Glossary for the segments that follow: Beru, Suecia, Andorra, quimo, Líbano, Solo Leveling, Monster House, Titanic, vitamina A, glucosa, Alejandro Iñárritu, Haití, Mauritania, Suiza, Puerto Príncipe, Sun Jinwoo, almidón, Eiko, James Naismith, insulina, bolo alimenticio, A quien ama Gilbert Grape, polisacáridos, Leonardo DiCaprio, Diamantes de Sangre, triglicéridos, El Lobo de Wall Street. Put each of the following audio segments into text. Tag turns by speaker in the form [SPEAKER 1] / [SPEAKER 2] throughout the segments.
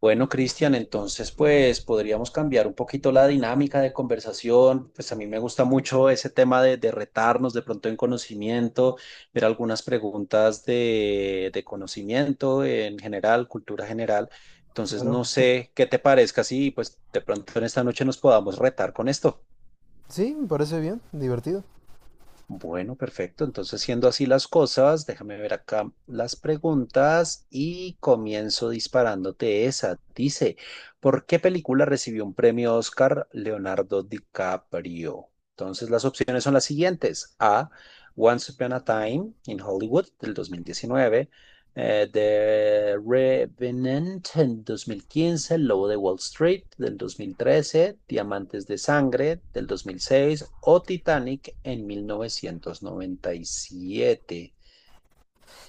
[SPEAKER 1] Bueno, Cristian, entonces pues podríamos cambiar un poquito la dinámica de conversación. Pues a mí me gusta mucho ese tema de retarnos de pronto en conocimiento, ver algunas preguntas de conocimiento en general, cultura general. Entonces no
[SPEAKER 2] Claro.
[SPEAKER 1] sé qué te parezca si pues de pronto en esta noche nos podamos retar con esto.
[SPEAKER 2] Sí, me parece bien, divertido.
[SPEAKER 1] Bueno, perfecto. Entonces, siendo así las cosas, déjame ver acá las preguntas y comienzo disparándote esa. Dice, ¿por qué película recibió un premio Oscar Leonardo DiCaprio? Entonces, las opciones son las siguientes. A, Once Upon a Time in Hollywood del 2019, The Revenant en 2015, El Lobo de Wall Street del 2013, Diamantes de Sangre del 2006 o Titanic en 1997.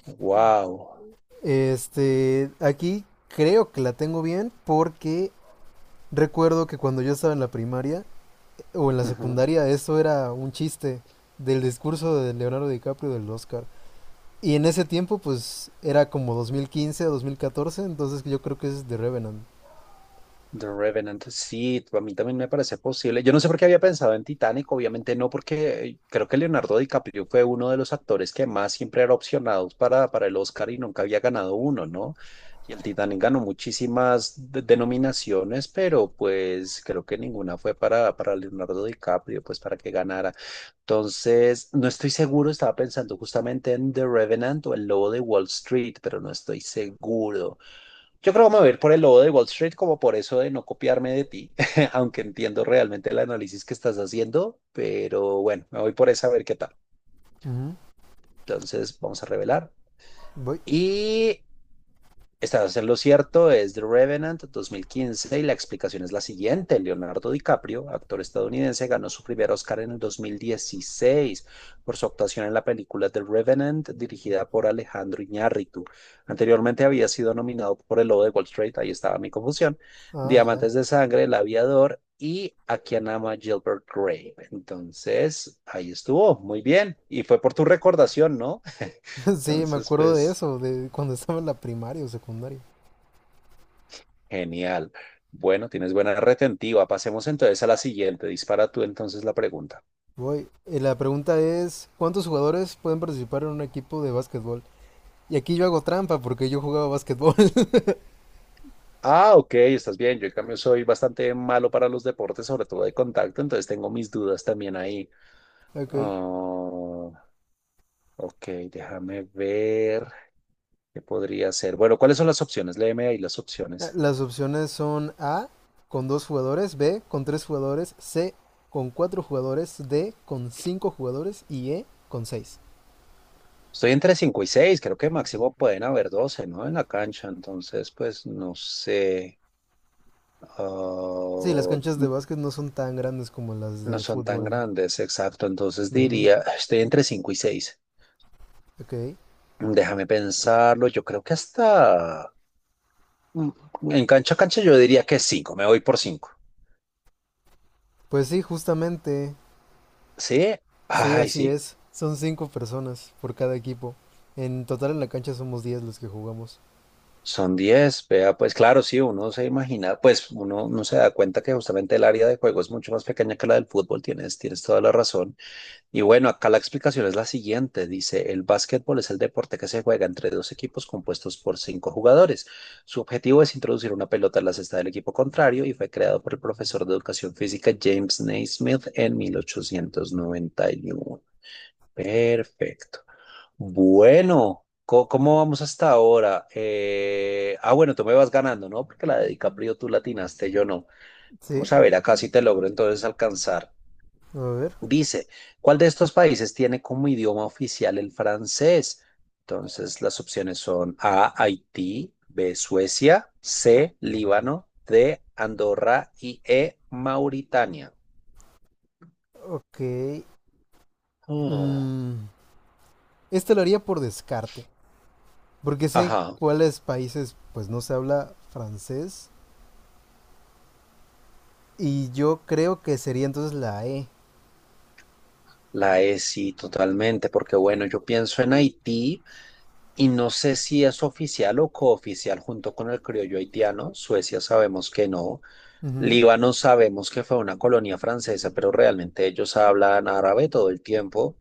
[SPEAKER 1] Wow.
[SPEAKER 2] Este, aquí creo que la tengo bien porque recuerdo que cuando yo estaba en la primaria o en la
[SPEAKER 1] Ujú.
[SPEAKER 2] secundaria, eso era un chiste del discurso de Leonardo DiCaprio del Oscar. Y en ese tiempo, pues, era como 2015 o 2014, entonces yo creo que es The Revenant.
[SPEAKER 1] The Revenant, sí, a mí también me parece posible. Yo no sé por qué había pensado en Titanic, obviamente no, porque creo que Leonardo DiCaprio fue uno de los actores que más siempre era opcionados para el Oscar y nunca había ganado uno, ¿no? Y el Titanic ganó muchísimas denominaciones, pero pues creo que ninguna fue para Leonardo DiCaprio, pues para que ganara. Entonces, no estoy seguro, estaba pensando justamente en The Revenant o El Lobo de Wall Street, pero no estoy seguro. Yo creo que me voy a ir por el lobo de Wall Street como por eso de no copiarme de ti, aunque entiendo realmente el análisis que estás haciendo, pero bueno, me voy por esa a ver qué tal.
[SPEAKER 2] Ujú.
[SPEAKER 1] Entonces vamos a revelar.
[SPEAKER 2] Voy.
[SPEAKER 1] Y estás en lo cierto, es The Revenant 2015 y la explicación es la siguiente. Leonardo DiCaprio, actor estadounidense, ganó su primer Oscar en el 2016 por su actuación en la película The Revenant, dirigida por Alejandro Iñárritu. Anteriormente había sido nominado por El Lobo de Wall Street, ahí estaba mi confusión,
[SPEAKER 2] Ah, ya.
[SPEAKER 1] Diamantes de Sangre, El Aviador y A quien ama Gilbert Grape. Entonces, ahí estuvo, muy bien. Y fue por tu recordación, ¿no?
[SPEAKER 2] Sí, me
[SPEAKER 1] Entonces,
[SPEAKER 2] acuerdo de
[SPEAKER 1] pues.
[SPEAKER 2] eso, de cuando estaba en la primaria o secundaria.
[SPEAKER 1] Genial. Bueno, tienes buena retentiva. Pasemos entonces a la siguiente. Dispara tú entonces la pregunta.
[SPEAKER 2] Voy. La pregunta es, ¿cuántos jugadores pueden participar en un equipo de básquetbol? Y aquí yo hago trampa porque yo jugaba básquetbol.
[SPEAKER 1] Ah, ok, estás bien. Yo en cambio soy bastante malo para los deportes, sobre todo de contacto, entonces tengo mis dudas también ahí.
[SPEAKER 2] Ok.
[SPEAKER 1] Ah, ok, déjame ver qué podría ser. Bueno, ¿cuáles son las opciones? Léeme ahí las opciones.
[SPEAKER 2] Las opciones son A con dos jugadores, B con tres jugadores, C con cuatro jugadores, D con cinco jugadores y E con seis.
[SPEAKER 1] Estoy entre 5 y 6. Creo que máximo pueden haber 12, ¿no? En la cancha, entonces, pues no sé.
[SPEAKER 2] Sí, las
[SPEAKER 1] Ah,
[SPEAKER 2] canchas de básquet no son tan grandes como las
[SPEAKER 1] no
[SPEAKER 2] de
[SPEAKER 1] son tan
[SPEAKER 2] fútbol.
[SPEAKER 1] grandes, exacto. Entonces
[SPEAKER 2] Ujú.
[SPEAKER 1] diría, ah, estoy entre 5 y seis.
[SPEAKER 2] Ok.
[SPEAKER 1] Déjame pensarlo. Yo creo que hasta mm, en cancha a cancha yo diría que cinco. Me voy por cinco.
[SPEAKER 2] Pues sí, justamente.
[SPEAKER 1] ¿Sí?
[SPEAKER 2] Sí,
[SPEAKER 1] Ay,
[SPEAKER 2] así
[SPEAKER 1] sí.
[SPEAKER 2] es. Son cinco personas por cada equipo. En total en la cancha somos 10 los que jugamos.
[SPEAKER 1] Son 10. Vea, pues claro, sí, uno se imagina, pues uno no se da cuenta que justamente el área de juego es mucho más pequeña que la del fútbol. Tienes, tienes toda la razón. Y bueno, acá la explicación es la siguiente. Dice, el básquetbol es el deporte que se juega entre dos equipos compuestos por cinco jugadores. Su objetivo es introducir una pelota en la cesta del equipo contrario y fue creado por el profesor de educación física James Naismith en 1891. Perfecto. Bueno, ¿cómo vamos hasta ahora? Ah, bueno, tú me vas ganando, ¿no? Porque la de DiCaprio tú latinaste, yo no.
[SPEAKER 2] Sí,
[SPEAKER 1] Vamos a ver acá si te logro entonces alcanzar.
[SPEAKER 2] a ver.
[SPEAKER 1] Dice, ¿cuál de estos países tiene como idioma oficial el francés? Entonces, las opciones son A, Haití, B, Suecia, C, Líbano, D, Andorra y E, Mauritania.
[SPEAKER 2] Ok.
[SPEAKER 1] Oh,
[SPEAKER 2] Mm, esta lo haría por descarte. Porque sé en
[SPEAKER 1] ajá,
[SPEAKER 2] cuáles países pues no se habla francés y yo creo que sería entonces la E.
[SPEAKER 1] la E sí, totalmente, porque bueno, yo pienso en Haití y no sé si es oficial o cooficial junto con el criollo haitiano. Suecia sabemos que no.
[SPEAKER 2] Ujú.
[SPEAKER 1] Líbano sabemos que fue una colonia francesa, pero realmente ellos hablan árabe todo el tiempo.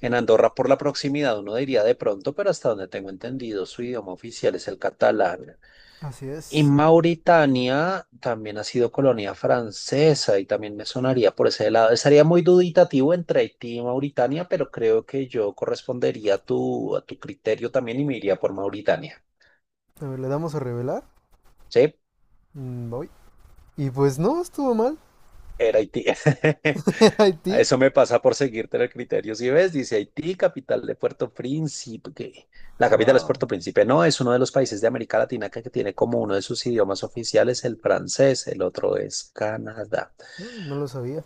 [SPEAKER 1] En Andorra, por la proximidad, uno diría de pronto, pero hasta donde tengo entendido, su idioma oficial es el catalán.
[SPEAKER 2] Así
[SPEAKER 1] Y
[SPEAKER 2] es.
[SPEAKER 1] Mauritania también ha sido colonia francesa y también me sonaría por ese lado. Estaría muy duditativo entre Haití y Mauritania, pero creo que yo correspondería a tu criterio también y me iría por Mauritania.
[SPEAKER 2] A ver, le damos a revelar.
[SPEAKER 1] ¿Sí?
[SPEAKER 2] Mm, voy. Y pues no, estuvo mal.
[SPEAKER 1] Era Haití.
[SPEAKER 2] Era Haití.
[SPEAKER 1] Eso me pasa por seguirte el criterio. Si ves, dice Haití, capital de Puerto Príncipe. La capital es
[SPEAKER 2] Wow.
[SPEAKER 1] Puerto Príncipe. No, es uno de los países de América Latina que tiene como uno de sus idiomas oficiales el francés. El otro es Canadá.
[SPEAKER 2] No, no lo sabía.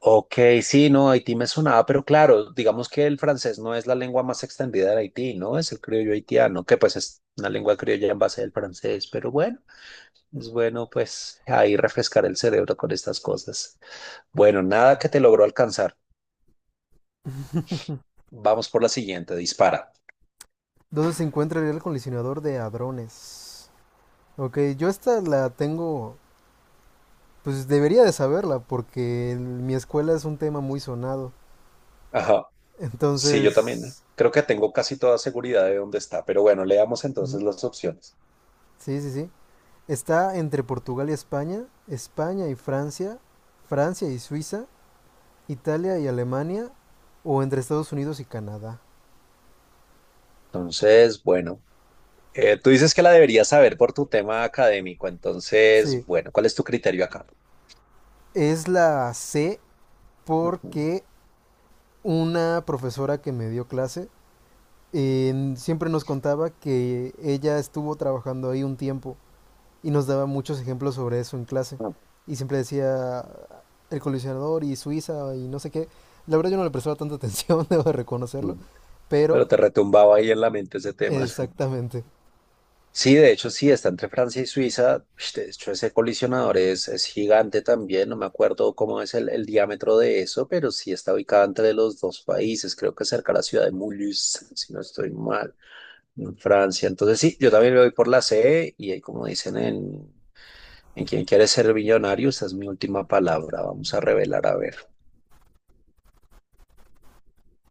[SPEAKER 1] Ok, sí, no, Haití me sonaba, pero claro, digamos que el francés no es la lengua más extendida de Haití, ¿no? Es el criollo haitiano, que pues es una lengua criolla en base al francés. Pero bueno, es bueno pues ahí refrescar el cerebro con estas cosas. Bueno, nada que te logró alcanzar. Vamos por la siguiente, dispara.
[SPEAKER 2] ¿Dónde se encuentra el colisionador de hadrones? Ok, yo esta la tengo, pues debería de saberla porque en mi escuela es un tema muy sonado.
[SPEAKER 1] Ajá. Sí, yo también.
[SPEAKER 2] Entonces...
[SPEAKER 1] Creo que tengo casi toda seguridad de dónde está, pero bueno, leamos
[SPEAKER 2] Ujú.
[SPEAKER 1] entonces las opciones.
[SPEAKER 2] Sí, sí, sí. Está entre Portugal y España, España y Francia, Francia y Suiza, Italia y Alemania, o entre Estados Unidos y Canadá.
[SPEAKER 1] Entonces, bueno, tú dices que la deberías saber por tu tema académico,
[SPEAKER 2] Sí,
[SPEAKER 1] entonces, bueno, ¿cuál es tu criterio acá?
[SPEAKER 2] es la C
[SPEAKER 1] Ujú.
[SPEAKER 2] porque una profesora que me dio clase siempre nos contaba que ella estuvo trabajando ahí un tiempo y nos daba muchos ejemplos sobre eso en clase. Y siempre decía el colisionador y Suiza y no sé qué. La verdad yo no le prestaba tanta atención, debo de reconocerlo,
[SPEAKER 1] Ujú.
[SPEAKER 2] pero
[SPEAKER 1] Pero te retumbaba ahí en la mente ese tema.
[SPEAKER 2] exactamente.
[SPEAKER 1] Sí, de hecho, sí, está entre Francia y Suiza. Ush. De hecho, ese colisionador es gigante también. No me acuerdo cómo es el diámetro de eso, pero sí está ubicado entre los dos países. Creo que cerca de la ciudad de Mulhouse, si no estoy mal, en Francia. Entonces, sí, yo también me voy por la C y ahí, como dicen en Quien quiere ser millonario, esa es mi última palabra. Vamos a revelar, a ver.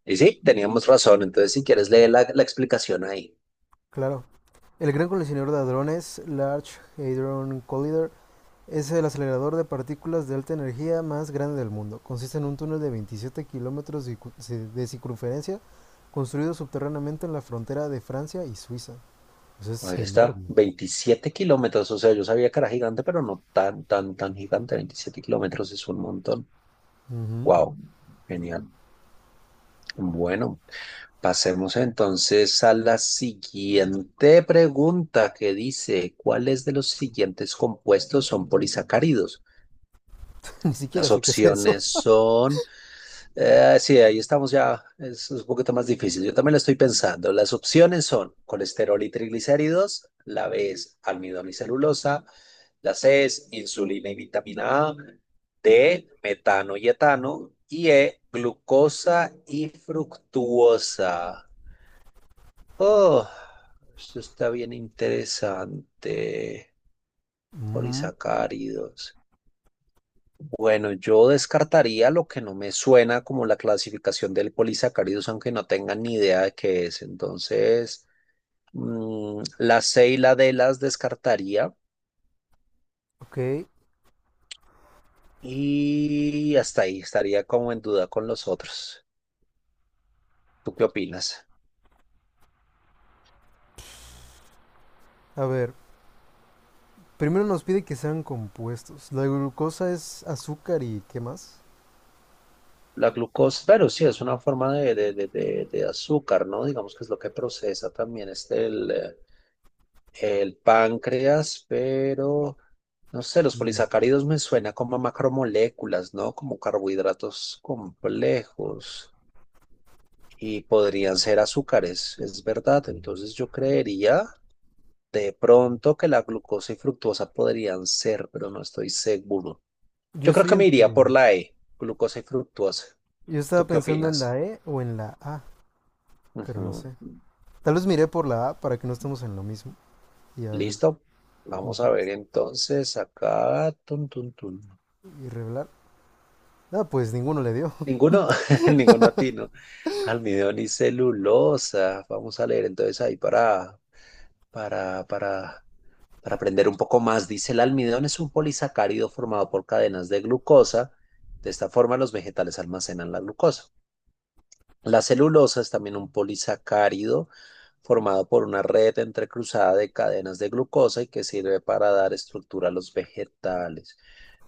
[SPEAKER 1] Y sí, teníamos razón. Entonces, si quieres, lee la explicación ahí.
[SPEAKER 2] Claro. El gran coleccionador de hadrones, Large Hadron Collider, es el acelerador de partículas de alta energía más grande del mundo. Consiste en un túnel de 27 kilómetros de circunferencia construido subterráneamente en la frontera de Francia y Suiza. Eso es
[SPEAKER 1] Ahí está,
[SPEAKER 2] enorme.
[SPEAKER 1] 27 km, o sea, yo sabía que era gigante, pero no tan, tan, tan gigante. 27 km es un montón.
[SPEAKER 2] Ujú.
[SPEAKER 1] Wow, genial. Bueno, pasemos entonces a la siguiente pregunta que dice, ¿cuáles de los siguientes compuestos son polisacáridos?
[SPEAKER 2] Ni siquiera
[SPEAKER 1] Las
[SPEAKER 2] sé qué es eso.
[SPEAKER 1] opciones son. Sí, ahí estamos ya, es un poquito más difícil. Yo también lo estoy pensando. Las opciones son colesterol y triglicéridos, la B es almidón y celulosa, la C es insulina y vitamina A, D, metano y etano, y E, glucosa y fructuosa. Oh, esto está bien interesante.
[SPEAKER 2] Ujú.
[SPEAKER 1] Polisacáridos. Bueno, yo descartaría lo que no me suena como la clasificación del polisacáridos, aunque no tenga ni idea de qué es. Entonces, la C y la D las descartaría
[SPEAKER 2] Ok,
[SPEAKER 1] y hasta ahí estaría como en duda con los otros. ¿Tú qué opinas?
[SPEAKER 2] a ver. Primero nos pide que sean compuestos. La glucosa es azúcar y ¿qué más?
[SPEAKER 1] La glucosa, pero sí, es una forma de azúcar, ¿no? Digamos que es lo que procesa también el páncreas, pero no sé, los
[SPEAKER 2] Mm.
[SPEAKER 1] polisacáridos me suena como a macromoléculas, ¿no? Como carbohidratos complejos y podrían ser azúcares, es verdad. Entonces yo creería de pronto que la glucosa y fructuosa podrían ser, pero no estoy seguro.
[SPEAKER 2] Yo
[SPEAKER 1] Yo creo
[SPEAKER 2] estoy
[SPEAKER 1] que me
[SPEAKER 2] entre...
[SPEAKER 1] iría por la E, glucosa y fructuosa.
[SPEAKER 2] Yo estaba
[SPEAKER 1] ¿Tú qué
[SPEAKER 2] pensando en la
[SPEAKER 1] opinas?
[SPEAKER 2] E o en la A. Pero no
[SPEAKER 1] Ujú.
[SPEAKER 2] sé. Tal vez miré por la A para que no estemos en lo mismo. Y a ver,
[SPEAKER 1] ¿Listo? Vamos a ver entonces acá. Tun, tun, tun.
[SPEAKER 2] y revelar. Ah, pues ninguno le dio.
[SPEAKER 1] Ninguno, ninguno atino. Almidón y celulosa. Vamos a leer entonces ahí para, para, para aprender un poco más. Dice, el almidón es un polisacárido formado por cadenas de glucosa. De esta forma, los vegetales almacenan la glucosa. La celulosa es también un polisacárido formado por una red entrecruzada de cadenas de glucosa y que sirve para dar estructura a los vegetales.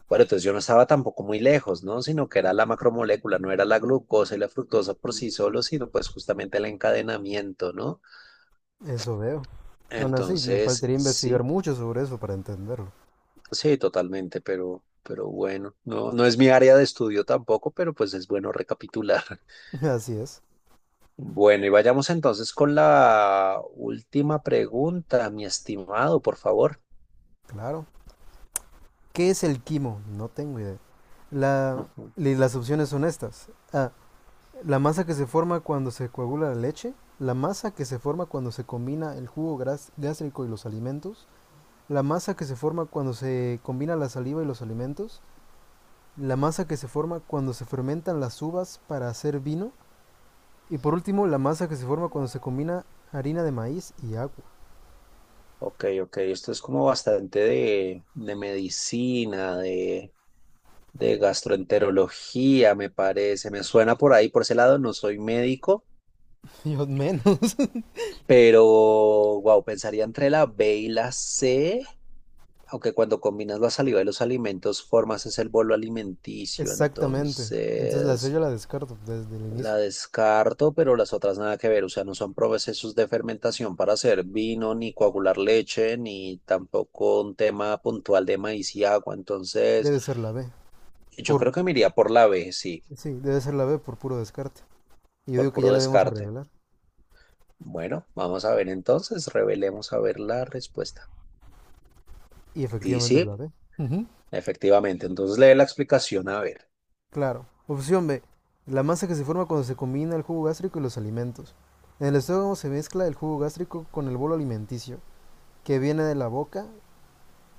[SPEAKER 1] Bueno, entonces yo no estaba tampoco muy lejos, ¿no? Sino que era la macromolécula, no era la glucosa y la fructosa por sí solo, sino pues justamente el encadenamiento, ¿no?
[SPEAKER 2] Eso veo. Aún así, me
[SPEAKER 1] Entonces,
[SPEAKER 2] faltaría investigar
[SPEAKER 1] sí,
[SPEAKER 2] mucho sobre eso para entenderlo.
[SPEAKER 1] sí, totalmente, pero bueno, no, no es mi área de estudio tampoco, pero pues es bueno recapitular.
[SPEAKER 2] Así es,
[SPEAKER 1] Bueno, y vayamos entonces con la última pregunta, mi estimado, por favor.
[SPEAKER 2] claro. ¿Qué es el quimo? No tengo idea. La,
[SPEAKER 1] Ujú.
[SPEAKER 2] las opciones son estas. A. La masa que se forma cuando se coagula la leche. La masa que se forma cuando se combina el jugo gástrico y los alimentos. La masa que se forma cuando se combina la saliva y los alimentos. La masa que se forma cuando se fermentan las uvas para hacer vino, y por último la masa que se forma cuando se combina harina de maíz y agua.
[SPEAKER 1] Ok, ok, esto es como bastante de medicina, de gastroenterología, me parece, me suena por ahí, por ese lado, no soy médico,
[SPEAKER 2] Dios menos.
[SPEAKER 1] pero wow, pensaría entre la B y la C, aunque cuando combinas la saliva y los alimentos formas es el bolo alimenticio,
[SPEAKER 2] Exactamente. Entonces la C
[SPEAKER 1] entonces
[SPEAKER 2] yo la descarto desde el
[SPEAKER 1] la
[SPEAKER 2] inicio.
[SPEAKER 1] descarto, pero las otras nada que ver, o sea, no son procesos de fermentación para hacer vino, ni coagular leche, ni tampoco un tema puntual de maíz y agua, entonces
[SPEAKER 2] Debe ser la B.
[SPEAKER 1] yo
[SPEAKER 2] Por
[SPEAKER 1] creo que me iría por la B, sí,
[SPEAKER 2] sí, debe ser la B por puro descarte. Y yo
[SPEAKER 1] por
[SPEAKER 2] digo que
[SPEAKER 1] puro
[SPEAKER 2] ya la debemos a
[SPEAKER 1] descarte.
[SPEAKER 2] revelar.
[SPEAKER 1] Bueno, vamos a ver entonces, revelemos a ver la respuesta.
[SPEAKER 2] Y
[SPEAKER 1] Y
[SPEAKER 2] efectivamente es
[SPEAKER 1] sí,
[SPEAKER 2] la B. Ujú.
[SPEAKER 1] efectivamente, entonces lee la explicación a ver.
[SPEAKER 2] Claro. Opción B. La masa que se forma cuando se combina el jugo gástrico y los alimentos. En el estómago se mezcla el jugo gástrico con el bolo alimenticio, que viene de la boca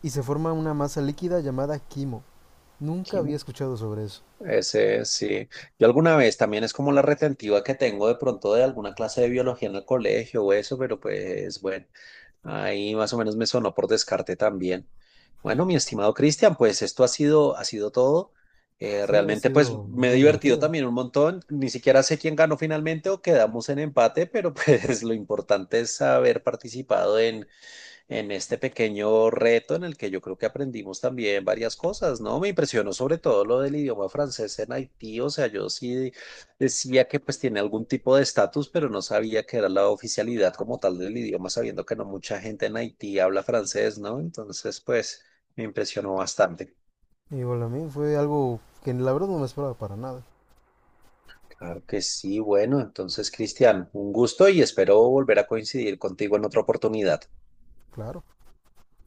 [SPEAKER 2] y se forma una masa líquida llamada quimo. Nunca había
[SPEAKER 1] Quimo.
[SPEAKER 2] escuchado sobre eso.
[SPEAKER 1] Ese sí. Yo alguna vez también es como la retentiva que tengo de pronto de alguna clase de biología en el colegio o eso, pero pues bueno, ahí más o menos me sonó por descarte también. Bueno, mi estimado Cristian, pues esto ha sido todo.
[SPEAKER 2] Sí, ha
[SPEAKER 1] Realmente pues
[SPEAKER 2] sido
[SPEAKER 1] me he
[SPEAKER 2] muy
[SPEAKER 1] divertido
[SPEAKER 2] divertido.
[SPEAKER 1] también un montón. Ni siquiera sé quién ganó finalmente o quedamos en empate, pero pues lo importante es haber participado en este pequeño reto en el que yo creo que aprendimos también varias cosas, ¿no? Me impresionó sobre todo lo del idioma francés en Haití, o sea, yo sí decía que pues tiene algún tipo de estatus, pero no sabía que era la oficialidad como tal del idioma, sabiendo que no mucha gente en Haití habla francés, ¿no? Entonces, pues me impresionó bastante.
[SPEAKER 2] Y bueno, a mí fue algo que la verdad no me esperaba para nada.
[SPEAKER 1] Claro que sí, bueno, entonces, Cristian, un gusto y espero volver a coincidir contigo en otra oportunidad.
[SPEAKER 2] Claro.